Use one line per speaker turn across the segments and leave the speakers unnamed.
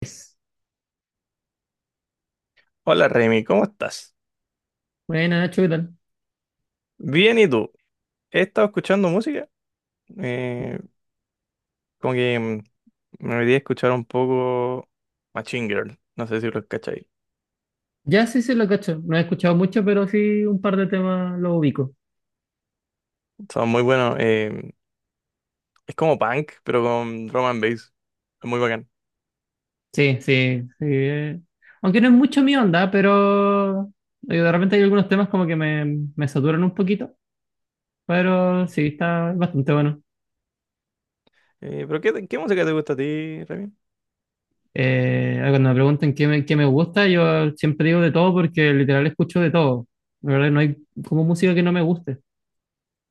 Es.
Hola Remy, ¿cómo estás?
Buena, Nacho, ¿qué tal?
Bien, ¿y tú? He estado escuchando música, eh, como que mm, me olvidé escuchar un poco Machine Girl, no sé si lo cacháis.
Ya sí, sí, lo cacho. No he escuchado mucho, pero sí un par de temas lo ubico.
Son muy buenos, es como punk, pero con drum and bass, es muy bacán.
Sí, sí, sí. Aunque no es mucho mi onda, pero de repente hay algunos temas como que me saturan un poquito, pero sí, está bastante bueno.
¿Pero qué música te gusta a ti, Remy?
Cuando me preguntan qué me gusta, yo siempre digo de todo porque literal escucho de todo. La verdad, no hay como música que no me guste.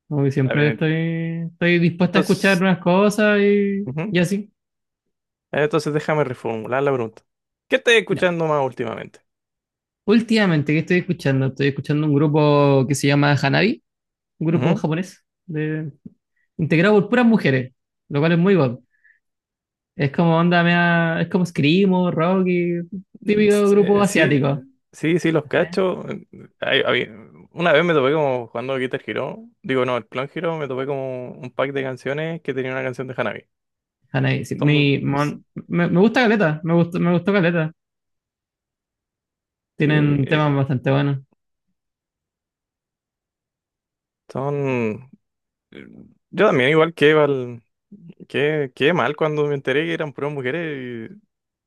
Como que
A ver,
estoy dispuesta a escuchar
entonces,
nuevas cosas
ujú.
y así.
Entonces déjame reformular la pregunta. ¿Qué estás
Ya.
escuchando más últimamente?
Últimamente, ¿qué estoy escuchando? Estoy escuchando un grupo que se llama Hanabi, un grupo japonés, de, integrado por puras mujeres, lo cual es muy guapo. Es como onda, es como Screamo, rock y típico grupo
Sí,
asiático.
sí, sí, los
¿Sí?
cacho. Hay- hay- una vez me topé como jugando Guitar Hero. Digo, no, el Clone Hero, me topé como un pack de canciones que tenía una canción de Hanabi.
Hanabi, sí.
Son muy- s-
Me gusta Caleta, me gustó Caleta.
sí,
Tienen temas bastante buenos.
son... eh, yo también, que mal cuando me enteré que eran puras mujeres. Y,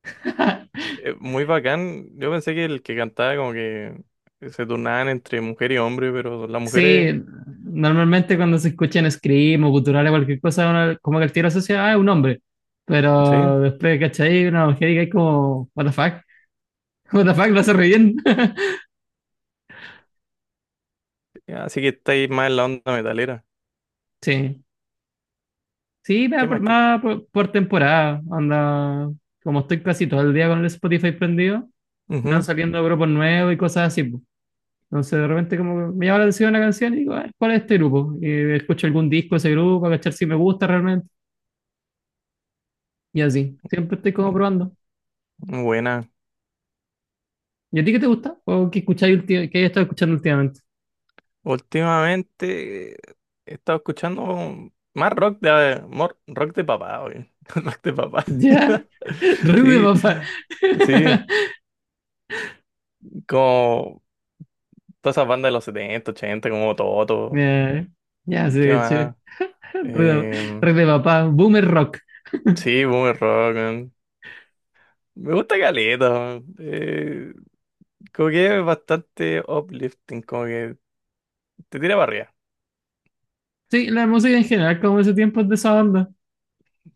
muy bacán. Yo pensé que el que cantaba como que se turnaban entre mujer y hombre, pero las
Sí,
mujeres...
normalmente cuando se escuchan scream o cultural o cualquier cosa, uno como que el tiro asocia, ah, es un hombre.
Sí,
Pero después, ¿cachai? Una mujer y que es como, what the fuck. What the fuck, lo hace re bien.
así que estáis más en la onda metalera.
Sí. Sí,
¿Qué más?
va por temporada. Anda. Como estoy casi todo el día con el Spotify prendido, me van
Ujú.
saliendo grupos nuevos y cosas así. Po. Entonces, de repente, como que me llama la atención una canción y digo, "Ah, ¿cuál es este grupo? Y escucho algún disco de ese grupo, a cachar si me gusta realmente. Y así. Siempre estoy como
Mm.
probando.
Buena.
¿Y a ti qué te gusta? ¿O qué escucháis qué hayas estado escuchando últimamente?
Últimamente he estado escuchando más rock de papá, oye. Rock de papá.
Ya,
Sí,
ruido de papá.
sí, como todas esas bandas de los 70, 80, como Toto.
Ya, ya, sí,
¿Qué
de hecho.
más?
Ruido-
Eh,
ruido de papá. Boomer rock.
sí, boomer rock, man. Me gusta caleta, man. Como que es bastante uplifting, como que te tira para arriba.
Sí, la música en general, como ese tiempo es de esa onda.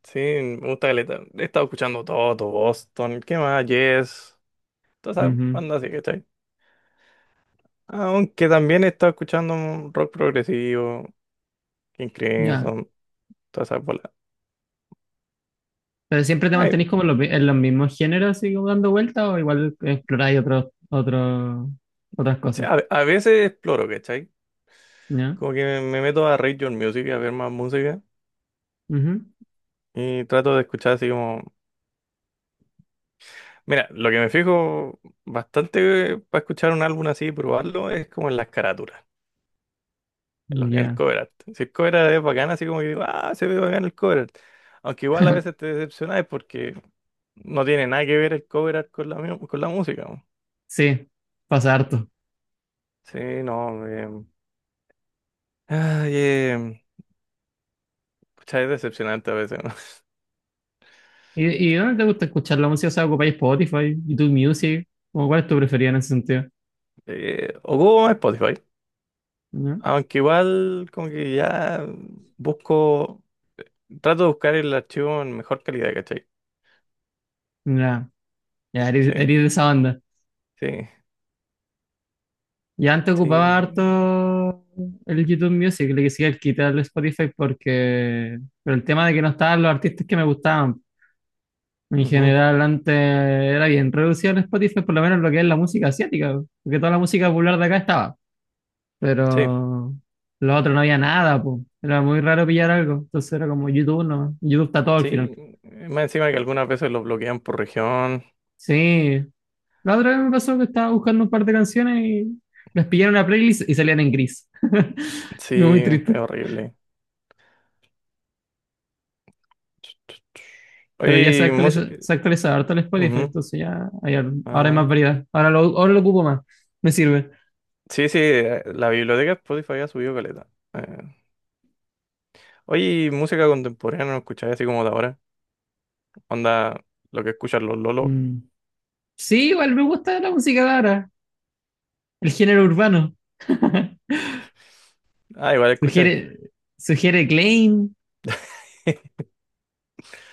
Sí, me gusta caleta. He estado escuchando Toto, Boston, ¿qué más? Yes. Toda esa
Ujú.
banda así, ¿cachai? Aunque también he estado escuchando un rock progresivo, King
Ya.
Crimson, todas esas bolas.
Pero siempre te
Ay,
mantenís como en en los mismos géneros, así como dando vueltas, o igual exploráis otros, otras
o
cosas.
sea, a veces exploro, ¿cachai?
Ya.
Como que me meto a Radio Music a ver más música
Ujú.
y trato de escuchar así como... Mira, lo que me fijo bastante para escuchar un álbum así y probarlo es como en las carátulas, en el
Ya.
cover art. Si el cover art es bacán, así como que digo, ah, se ve bacán el cover art. Aunque igual a veces te decepcionas porque no tiene nada que ver el cover art con la, con la música.
Sí, pasa harto.
Sí, no. Ay, em, pucha, es decepcionante a veces, ¿no?
¿Y, y dónde te gusta escuchar la música? O sea, ocupáis Spotify, YouTube Music, como cuál es tu preferida en ese sentido.
O Google Spotify.
Ya.
Aunque igual como que ya busco, trato de buscar el archivo en mejor calidad, ¿cachai?
Ya, ya
Sí,
eres de esa banda.
sí,
Y antes ocupaba
sí,
harto el YouTube Music, le quisiera quitar el Spotify porque, pero el tema de que no estaban los artistas que me gustaban. En
ujú,
general, antes era bien reducido el Spotify, por lo menos lo que es la música asiática, porque toda la música popular de acá estaba,
sí,
pero lo otro no había nada, po. Era muy raro pillar algo, entonces era como YouTube, no, YouTube está todo al final.
sí. Más encima que algunas veces lo bloquean por región.
Sí, la otra vez me pasó que estaba buscando un par de canciones y las pillé en una playlist y salían en gris.
Sí,
Fue muy
es
triste.
horrible.
Pero ya
Oye, música.
se actualiza harto el Spotify, entonces ya hay ahora hay más variedad. Ahora lo ocupo más, me sirve.
Sí, sí, la biblioteca de Spotify ha subido caleta. eh, Oye, ¿y música contemporánea no escucháis así como de ahora? Onda, lo que escuchan los lolos.
Mm. Sí, igual me gusta la música de ahora, el género urbano.
Ah, igual
Sugiere,
escucháis.
sugiere Klein.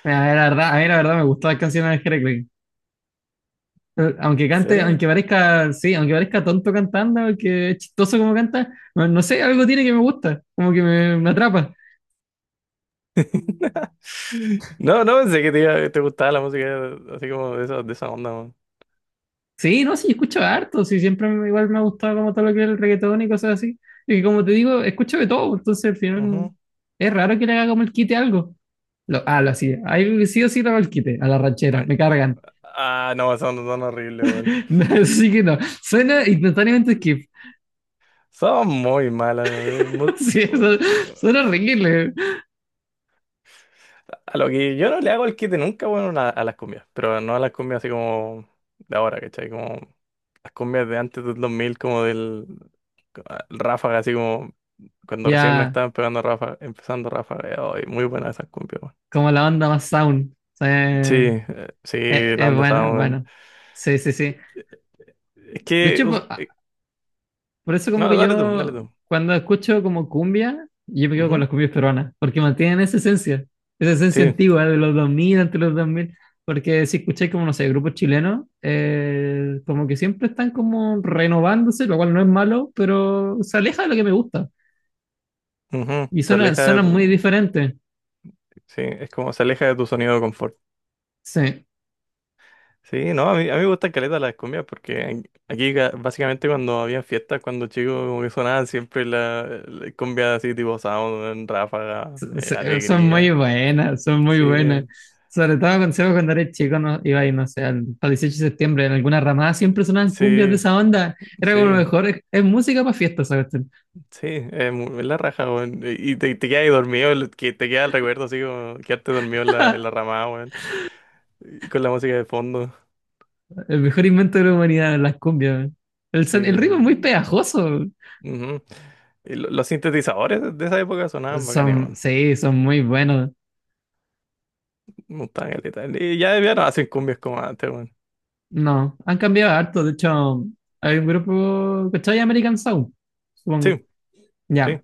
A ver, la verdad, a mí la verdad me gustan las canciones de Jere Klein. Aunque
¿En serio?
aunque parezca, sí, aunque parezca tonto cantando, aunque es chistoso como canta, no, no sé, algo tiene que me gusta, como que me atrapa.
No, no pensé que te gustaba la música así como de esa onda, weón.
Sí, no, sí, yo escucho harto, sí, igual me ha gustado como todo lo que es el reggaetón y cosas así. Y que como te digo, escucho de todo, entonces al final
Ujú.
es raro que le haga como el quite a algo. Lo hacía. Ahí sí o sí le hago el quite a la ranchera,
Ay.
me cargan.
Ah, no, son, son horribles, weón.
No, así que no, suena instantáneamente skip.
Son muy malas, weón.
Sí, eso, suena horrible.
A lo que yo no le hago el quite nunca, bueno, a las cumbias, pero no a las cumbias así como de ahora, ¿cachai? Como las cumbias de antes del 2000, como del el Ráfaga, así como cuando recién
Ya,
estaban pegando Ráfaga, empezando Ráfaga, oh, y muy buenas esas cumbias, weón.
como la onda más sound. Sí,
Sí, sí, la
es
onda esa,
buena, es
weón.
buena. Sí, sí, sí.
Es
De
que,
hecho,
us-
pues,
eh,
por eso como
no,
que
dale tú, dale
yo
tú.
cuando escucho como cumbia, yo me quedo con
Ujú.
las cumbias peruanas, porque mantienen esa esencia
Sí,
antigua de los 2000, entre los 2000, porque si escucháis como, no sé, grupos chilenos, como que siempre están como renovándose, lo cual no es malo, pero se aleja de lo que me gusta
ujú.
y
Se aleja de
suena
tu,
muy diferente.
sí, es como se aleja de tu sonido de confort.
Sí,
Sí, no, a mí me gustan caleta las cumbias porque aquí básicamente cuando había fiestas, cuando chicos como que sonaban siempre la cumbia así tipo Sound, Ráfaga,
Son muy
Alegría.
buenas, son muy
Sí,
buenas. Sobre todo con Seba cuando eres chico, no, iba y no sé, al, para 18 de septiembre, en alguna ramada siempre sonaban cumbias de
sí,
esa onda. Era como lo
sí,
mejor, es música para fiestas, ¿sabes?
sí, es la raja, weón. Y te quedas ahí dormido, que te queda el recuerdo así como quedarte dormido en la ramada, weón. Y con la música de fondo.
El mejor invento de la humanidad, las cumbias.
Sí.
El ritmo es muy pegajoso.
Ujú. Y los sintetizadores de esa época sonaban bacanes, weón.
Sí, son muy buenos.
Me gustaban caleta. Y ya, ya no hacen cumbias como antes.
No, han cambiado harto. De hecho, hay un grupo, ¿cachai? American Sound,
Sí,
supongo.
sí,
Ya,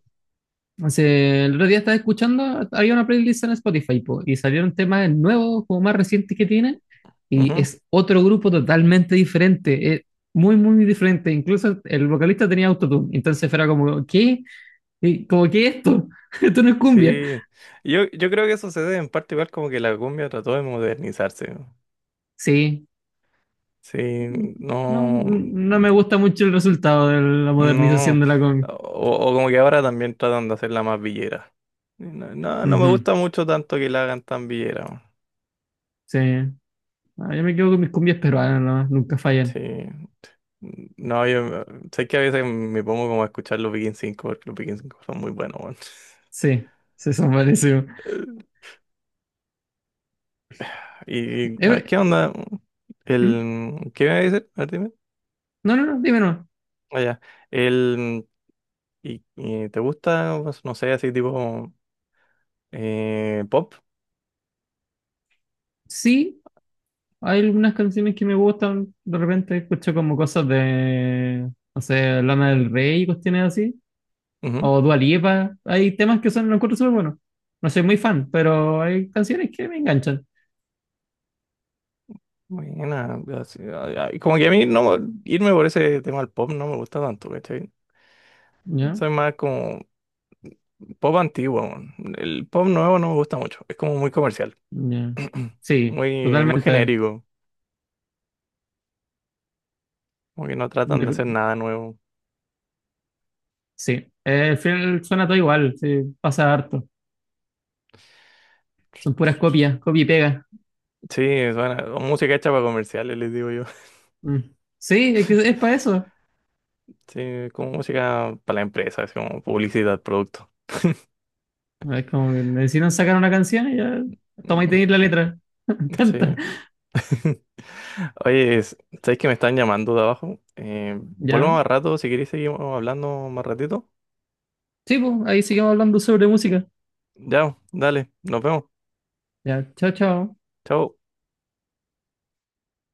El otro día estaba escuchando, había una playlist en Spotify po, y salieron temas nuevos, como más recientes que tienen, y
ujú,
es otro grupo totalmente diferente, es muy, muy diferente. Incluso el vocalista tenía autotune, entonces era como, ¿qué? Y como, ¿qué es esto? Esto no es cumbia.
sí. Yo creo que eso se debe en parte igual como que la cumbia trató de modernizarse.
Sí,
Sí,
no,
no,
no me gusta mucho el resultado de la modernización
no.
de la cumbia.
O como que ahora también tratan de hacerla más villera. No, no, no me
Ujú,
gusta mucho tanto que la hagan tan villera.
sí, ah, yo me quedo con mis cumbias peruanas, nomás, nunca fallan.
Sí. No, yo sé que a veces me pongo como a escuchar los Begin 5 porque los Begin 5 son muy buenos, weón.
Sí, sí, son buenísimos.
¿Y a ver,
Eh,
qué onda?
¿Mm?
El, ¿qué me iba a decir? A ver, dime.
No, no, no, dime no.
Allá. El, ¿y, y te gusta, pues, no sé, así tipo pop?
Sí, hay algunas canciones que me gustan. De repente escucho como cosas de, no sé, Lana del Rey y cuestiones así.
Ujú.
O Dua Lipa. Hay temas que son, los encuentro súper buenos. No soy muy fan, pero hay canciones que me enganchan.
Buena. Así, ay, como que a mí no, irme por ese tema del pop no me gusta tanto, ¿cachai?
¿Ya?
Soy más como pop antiguo, weón. El pop nuevo no me gusta mucho. Es como muy comercial.
¿Ya? Sí,
Muy, muy
totalmente.
genérico. Como que no tratan de hacer
De-
nada nuevo.
Sí. Al final suena todo igual. Sí, pasa harto. Son puras copias, copia y pega.
Sí, suena o música hecha para comerciales, les digo yo.
Mm. Sí, es que es para eso.
Sí, como música para la empresa, así como publicidad, producto.
Es como que necesitan sacar una canción y ya. Toma y
Mm,
tenéis la letra.
sí.
Canta.
Oye, ¿sabes que me están llamando de abajo? Vuelvo
¿Ya?
más rato, si queréis seguimos hablando más ratito.
Sí, pues, ahí seguimos hablando sobre música.
Ya, dale, nos vemos.
Ya, chao, chao.
Chao.